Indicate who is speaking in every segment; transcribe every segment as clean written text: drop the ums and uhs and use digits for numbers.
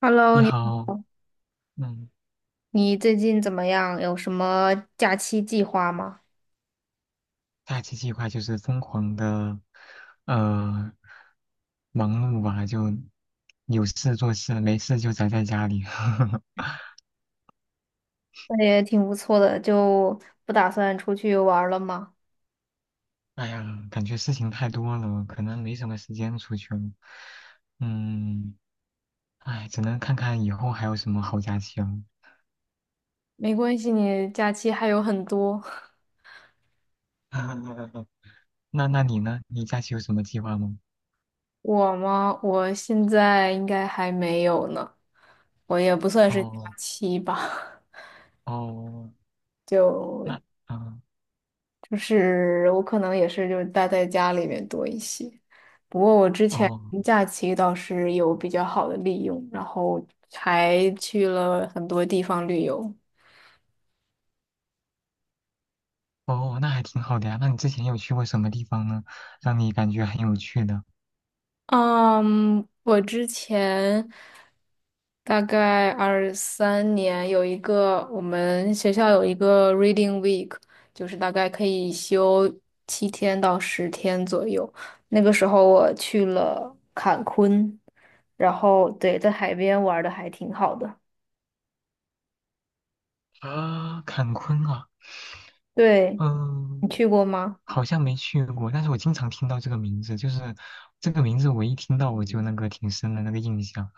Speaker 1: Hello，
Speaker 2: 你
Speaker 1: 你
Speaker 2: 好。
Speaker 1: 好，
Speaker 2: 嗯，
Speaker 1: 你最近怎么样？有什么假期计划吗？
Speaker 2: 假期计划就是疯狂的，呃，忙碌吧，就有事做事，没事就宅在家里。
Speaker 1: 那也挺不错的，就不打算出去玩儿了吗？
Speaker 2: 哎呀，感觉事情太多了，可能没什么时间出去了。嗯，哎，只能看看以后还有什么好假期了。
Speaker 1: 没关系，你假期还有很多。
Speaker 2: 那你呢？你假期有什么计划吗？
Speaker 1: 我吗？我现在应该还没有呢，我也不算是假
Speaker 2: 哦
Speaker 1: 期吧。
Speaker 2: 哦，
Speaker 1: 就
Speaker 2: 那嗯。
Speaker 1: 就是我可能也是就是待在家里面多一些。不过我之前
Speaker 2: 哦
Speaker 1: 假期倒是有比较好的利用，然后还去了很多地方旅游。
Speaker 2: 哦，那还挺好的呀。那你之前有去过什么地方呢？让你感觉很有趣的？
Speaker 1: 嗯，我之前大概23年有一个我们学校有一个 Reading Week，就是大概可以休7到10天左右。那个时候我去了坎昆，然后对，在海边玩的还挺好的。
Speaker 2: 啊，坎昆啊，
Speaker 1: 对，你
Speaker 2: 嗯，
Speaker 1: 去过吗？
Speaker 2: 好像没去过，但是我经常听到这个名字，就是这个名字我一听到我就那个挺深的那个印象，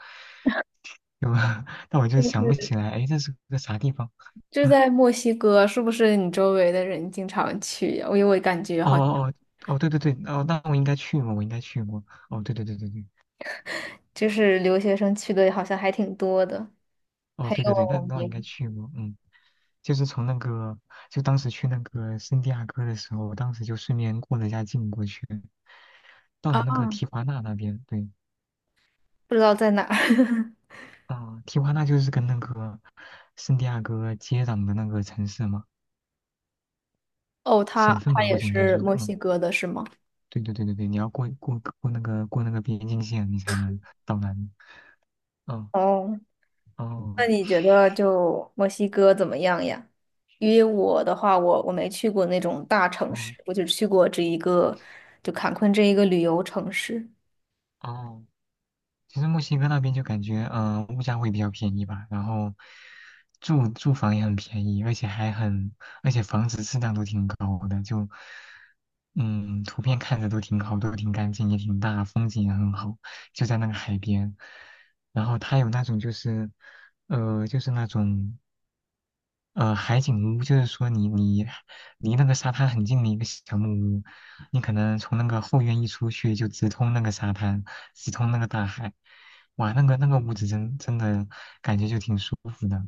Speaker 2: 有，但我就
Speaker 1: 就
Speaker 2: 想不
Speaker 1: 是
Speaker 2: 起来，哎，这是个啥地方？
Speaker 1: 就在墨西哥，是不是你周围的人经常去呀？因为我感觉
Speaker 2: 哦
Speaker 1: 好像
Speaker 2: 哦哦哦，对对对，哦，那我应该去过，我应该去过。哦，对对对对对，
Speaker 1: 就是留学生去的，好像还挺多的。
Speaker 2: 哦，
Speaker 1: 还
Speaker 2: 对对对，那
Speaker 1: 有
Speaker 2: 那我应该
Speaker 1: 你
Speaker 2: 去过，嗯，就是从那个，就当时去那个圣地亚哥的时候，我当时就顺便过了一下境过去，到了
Speaker 1: 啊，
Speaker 2: 那个提华纳那边，对，
Speaker 1: 不知道在哪儿。
Speaker 2: 啊、提华纳就是跟那个圣地亚哥接壤的那个城市嘛，
Speaker 1: 哦，他
Speaker 2: 省份
Speaker 1: 他
Speaker 2: 吧，
Speaker 1: 也
Speaker 2: 或者应该
Speaker 1: 是
Speaker 2: 说，
Speaker 1: 墨
Speaker 2: 嗯，
Speaker 1: 西哥的，是吗？
Speaker 2: 对对对对对，你要过那个那个边境线，你才能到那里，嗯，
Speaker 1: 哦，那
Speaker 2: 哦，
Speaker 1: 你觉得就墨西哥怎么样呀？因为我的话，我没去过那种大城市，
Speaker 2: 哦，
Speaker 1: 我就去过这一个，就坎昆这一个旅游城市。
Speaker 2: 哦。其实墨西哥那边就感觉，物价会比较便宜吧，然后住房也很便宜，而且还很，而且房子质量都挺高的，就，嗯，图片看着都挺好，都挺干净，也挺大，风景也很好，就在那个海边。然后它有那种就是，就是那种海景屋就是说你离那个沙滩很近的一个小木屋，你可能从那个后院一出去就直通那个沙滩，直通那个大海，哇，那个屋子真的感觉就挺舒服的，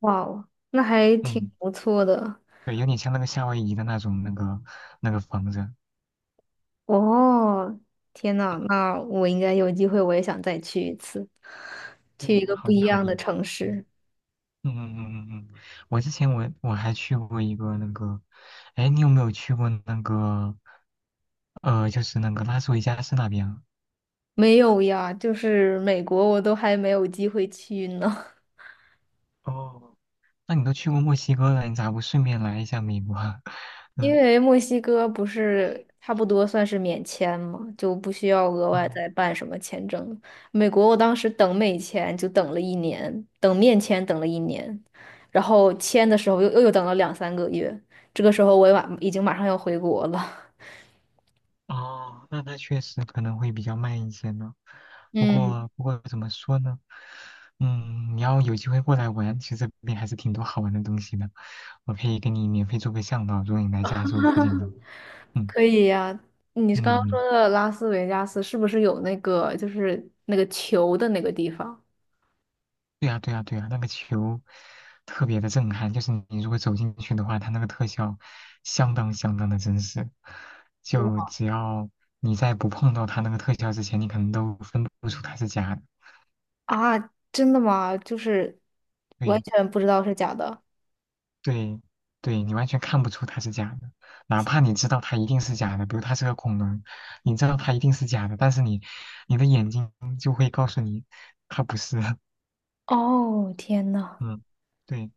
Speaker 1: 哇哦，那还挺
Speaker 2: 嗯，
Speaker 1: 不错的。
Speaker 2: 对，有点像那个夏威夷的那种那个房子，
Speaker 1: 哦，天呐，那我应该有机会，我也想再去一次，去一
Speaker 2: 嗯，
Speaker 1: 个不
Speaker 2: 好的
Speaker 1: 一
Speaker 2: 好
Speaker 1: 样
Speaker 2: 的，
Speaker 1: 的城
Speaker 2: 嗯
Speaker 1: 市。
Speaker 2: 嗯嗯嗯嗯嗯，我之前我还去过一个那个，哎，你有没有去过那个，就是那个拉斯维加斯那边啊
Speaker 1: 没有呀，就是美国我都还没有机会去呢。
Speaker 2: 哦。那你都去过墨西哥了，你咋不顺便来一下美国啊
Speaker 1: 因
Speaker 2: 嗯，
Speaker 1: 为墨西哥不是差不多算是免签嘛，就不需要额外
Speaker 2: 哦
Speaker 1: 再办什么签证。美国我当时等美签就等了一年，等面签等了一年，然后签的时候又等了2、3个月，这个时候我也已经马上要回国了。
Speaker 2: 哦，那确实可能会比较慢一些呢。不
Speaker 1: 嗯，
Speaker 2: 过不过怎么说呢？嗯，你要有机会过来玩，其实这边还是挺多好玩的东西的。我可以给你免费做个向导，如果你来加州附近的话。嗯
Speaker 1: 可以呀。你刚
Speaker 2: 嗯
Speaker 1: 刚说
Speaker 2: 嗯
Speaker 1: 的拉斯维加斯是不是有那个就是那个球的那个地方？
Speaker 2: 对呀，对呀，对呀，那个球特别的震撼，就是你如果走进去的话，它那个特效相当相当的真实。就只要你在不碰到它那个特效之前，你可能都分不出它是假的。
Speaker 1: 啊，真的吗？就是完
Speaker 2: 对
Speaker 1: 全不知道是假的。
Speaker 2: 对对，你完全看不出它是假的，哪怕你知道它一定是假的，比如它是个恐龙，你知道它一定是假的，但是你的眼睛就会告诉你它不是。
Speaker 1: 哦，天呐，
Speaker 2: 嗯，对，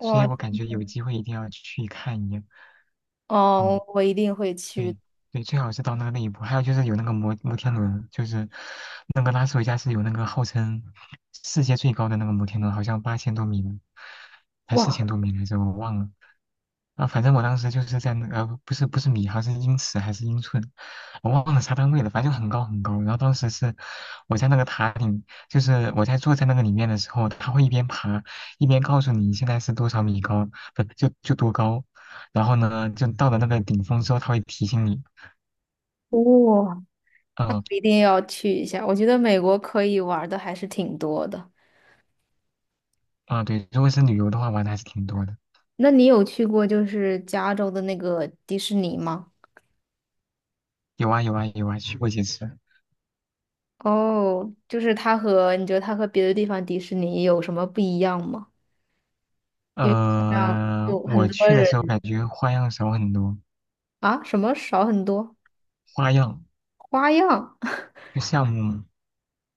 Speaker 2: 所以我感觉有机会一定要去看一眼。嗯。
Speaker 1: 哦，我一定会去。
Speaker 2: 对对，最好是到那个那一步。还有就是有那个摩天轮，就是那个拉斯维加斯有那个号称世界最高的那个摩天轮，好像8000多米呢，还
Speaker 1: 哇，
Speaker 2: 四
Speaker 1: 哇、
Speaker 2: 千多米来着，我忘了。啊，反正我当时就是在那个，不是不是米，好像是英尺还是英寸，我忘了啥单位了，反正就很高很高。然后当时是我在那个塔顶，就是我在坐在那个里面的时候，他会一边爬一边告诉你现在是多少米高，不就多高。然后呢，就到了那个顶峰之后，它会提醒你，
Speaker 1: 那我
Speaker 2: 嗯、
Speaker 1: 一定要去一下。我觉得美国可以玩的还是挺多的。
Speaker 2: 啊，对，如果是旅游的话，玩的还是挺多的，
Speaker 1: 那你有去过就是加州的那个迪士尼吗？
Speaker 2: 有啊有啊有啊，去过几次。
Speaker 1: 哦，就是你觉得它和别的地方迪士尼有什么不一样吗？因为这样有很
Speaker 2: 我
Speaker 1: 多
Speaker 2: 去的
Speaker 1: 人
Speaker 2: 时候感觉花样少很多，
Speaker 1: 啊，什么少很多
Speaker 2: 花样
Speaker 1: 花样。
Speaker 2: 就项目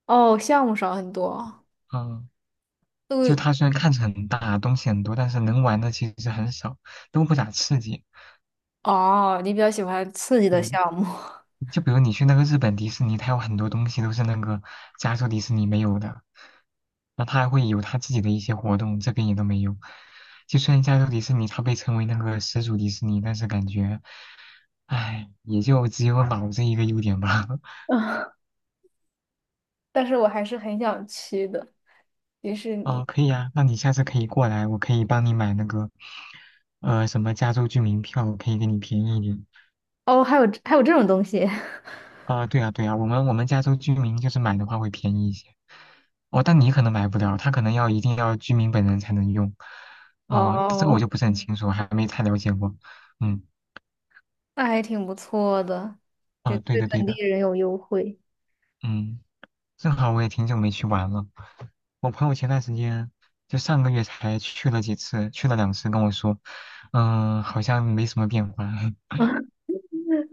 Speaker 1: 哦，项目少很多。
Speaker 2: 嗯，啊就它虽然看着很大，东西很多，但是能玩的其实很少，都不咋刺激。
Speaker 1: 哦，你比较喜欢刺激
Speaker 2: 对，
Speaker 1: 的项目。
Speaker 2: 就比如你去那个日本迪士尼，它有很多东西都是那个加州迪士尼没有的，那它还会有它自己的一些活动，这边也都没有。就虽然加州迪士尼它被称为那个始祖迪士尼，但是感觉，唉，也就只有老这一个优点吧。
Speaker 1: 嗯，但是我还是很想去的，迪士
Speaker 2: 哦，
Speaker 1: 尼。
Speaker 2: 可以啊，那你下次可以过来，我可以帮你买那个，什么加州居民票，可以给你便宜一点。
Speaker 1: 哦，还有这种东西。
Speaker 2: 啊，对啊，对啊，我们加州居民就是买的话会便宜一些，哦，但你可能买不了，他可能一定要居民本人才能用，啊、这个我
Speaker 1: 哦，
Speaker 2: 就不是很清楚，还没太了解过，嗯，
Speaker 1: 那还挺不错的，就
Speaker 2: 啊，对
Speaker 1: 对
Speaker 2: 的对
Speaker 1: 本地
Speaker 2: 的，
Speaker 1: 人有优惠。
Speaker 2: 嗯，正好我也挺久没去玩了，我朋友前段时间就上个月才去了几次，去了两次，跟我说，好像没什么变化，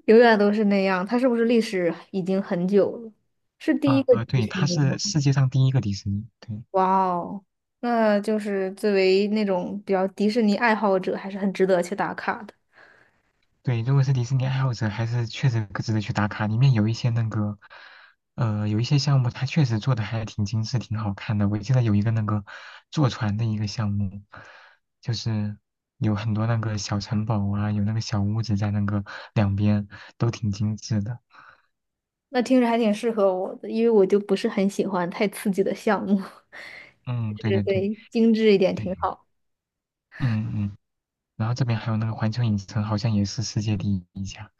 Speaker 1: 永远都是那样，它是不是历史已经很久了？是第一
Speaker 2: 啊、
Speaker 1: 个迪
Speaker 2: 对，
Speaker 1: 士
Speaker 2: 它
Speaker 1: 尼
Speaker 2: 是
Speaker 1: 吗？
Speaker 2: 世界上第一个迪士尼，对，
Speaker 1: 哇哦，那就是作为那种比较迪士尼爱好者，还是很值得去打卡的。
Speaker 2: 对，如果是迪士尼爱好者，还是确实值得去打卡。里面有一些那个，有一些项目，它确实做的还挺精致、挺好看的。我记得有一个那个坐船的一个项目，就是有很多那个小城堡啊，有那个小屋子在那个两边，都挺精致的。
Speaker 1: 那听着还挺适合我的，因为我就不是很喜欢太刺激的项目。
Speaker 2: 嗯，对
Speaker 1: 对
Speaker 2: 对对
Speaker 1: 对，精致一点
Speaker 2: 对，
Speaker 1: 挺好。
Speaker 2: 嗯嗯。然后这边还有那个环球影城，好像也是世界第一家，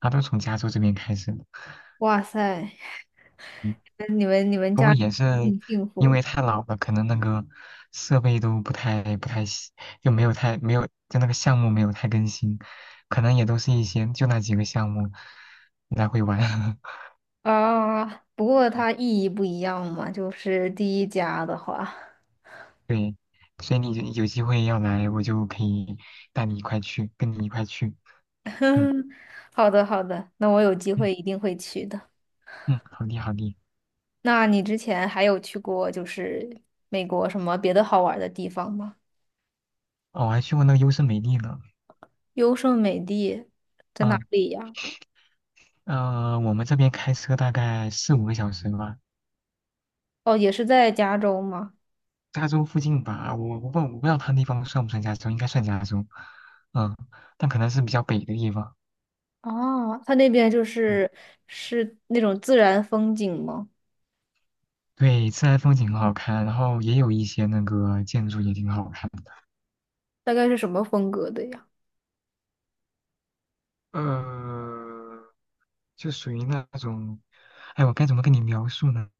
Speaker 2: 它都从加州这边开始的。
Speaker 1: 哇塞，
Speaker 2: 嗯不过也是
Speaker 1: 挺幸
Speaker 2: 因
Speaker 1: 福的
Speaker 2: 为太老了，可能那个设备都不太新，就没有太没有就那个项目没有太更新，可能也都是一些就那几个项目来回玩。
Speaker 1: 啊！不过它意义不一样嘛，就是第一家的话。
Speaker 2: 对，所以你有机会要来，我就可以带你一块去，跟你一块去。嗯
Speaker 1: 好的好的，那我有机
Speaker 2: 嗯
Speaker 1: 会一定会去的。
Speaker 2: 嗯，好的好的。
Speaker 1: 那你之前还有去过就是美国什么别的好玩的地方吗？
Speaker 2: 哦，我还去过那个优胜美地呢。
Speaker 1: 优胜美地在哪
Speaker 2: 嗯
Speaker 1: 里呀？
Speaker 2: 呃，我们这边开车大概四五个小时吧。
Speaker 1: 哦，也是在加州吗？
Speaker 2: 加州附近吧，我不知道它那地方算不算加州，应该算加州，嗯，但可能是比较北的地方。
Speaker 1: 哦，它那边
Speaker 2: 嗯，
Speaker 1: 是那种自然风景吗？
Speaker 2: 对，自然风景很好看，然后也有一些那个建筑也挺好看的。
Speaker 1: 大概是什么风格的呀？
Speaker 2: 呃，就属于那种，哎，我该怎么跟你描述呢？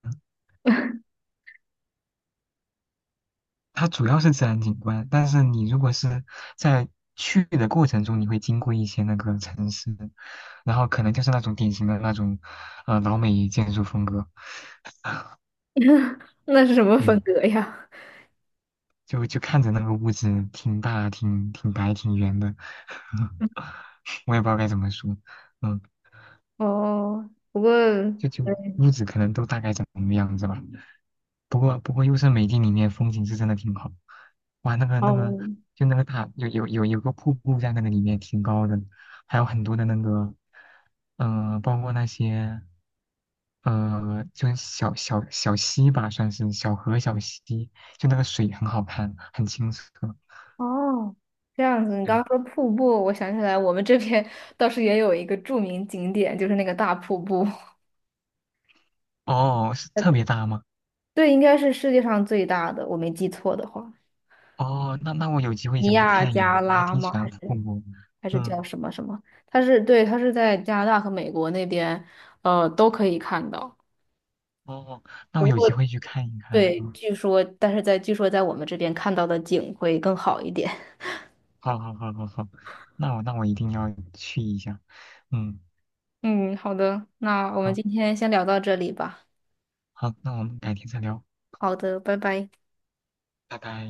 Speaker 2: 它主要是自然景观，但是你如果是在去的过程中，你会经过一些那个城市，然后可能就是那种典型的那种，老美建筑风格。
Speaker 1: 那是什么
Speaker 2: 对，
Speaker 1: 风格呀？
Speaker 2: 就看着那个屋子挺大、挺白、挺圆的，我也不知道该怎么说，嗯，
Speaker 1: 哦，不过
Speaker 2: 就屋子可能都大概长什么样子吧。不过优胜美地里面风景是真的挺好，哇，那个
Speaker 1: 哦
Speaker 2: 就那个大有个瀑布在那个里面挺高的，还有很多的那个，包括那些就是小溪吧，算是小河小溪，就那个水很好看，很清澈。
Speaker 1: 哦，这样子。你刚
Speaker 2: 对，
Speaker 1: 刚说瀑布，我想起来，我们这边 倒是也有一个著名景点，就是那个大瀑布。
Speaker 2: 哦，是
Speaker 1: 呃
Speaker 2: 特别大吗？
Speaker 1: 对，应该是世界上最大的，我没记错的话。
Speaker 2: 哦，那我有机会
Speaker 1: 尼
Speaker 2: 想去
Speaker 1: 亚
Speaker 2: 看一眼
Speaker 1: 加
Speaker 2: 的我还
Speaker 1: 拉
Speaker 2: 挺
Speaker 1: 吗？
Speaker 2: 喜
Speaker 1: 还
Speaker 2: 欢复
Speaker 1: 是
Speaker 2: 古。
Speaker 1: 还是叫
Speaker 2: 嗯，
Speaker 1: 什么什么？它是对，它是在加拿大和美国那边，都可以看到。
Speaker 2: 哦，那我
Speaker 1: 不
Speaker 2: 有机
Speaker 1: 过
Speaker 2: 会去看一看。
Speaker 1: 对，
Speaker 2: 嗯，
Speaker 1: 据说，但是据说在我们这边看到的景会更好一点。
Speaker 2: 好好好好好，那我一定要去一下。嗯，
Speaker 1: 嗯，好的，那我们
Speaker 2: 好
Speaker 1: 今天先聊到这里吧。
Speaker 2: 好，那我们改天再聊，
Speaker 1: 好的，拜拜。
Speaker 2: 拜拜。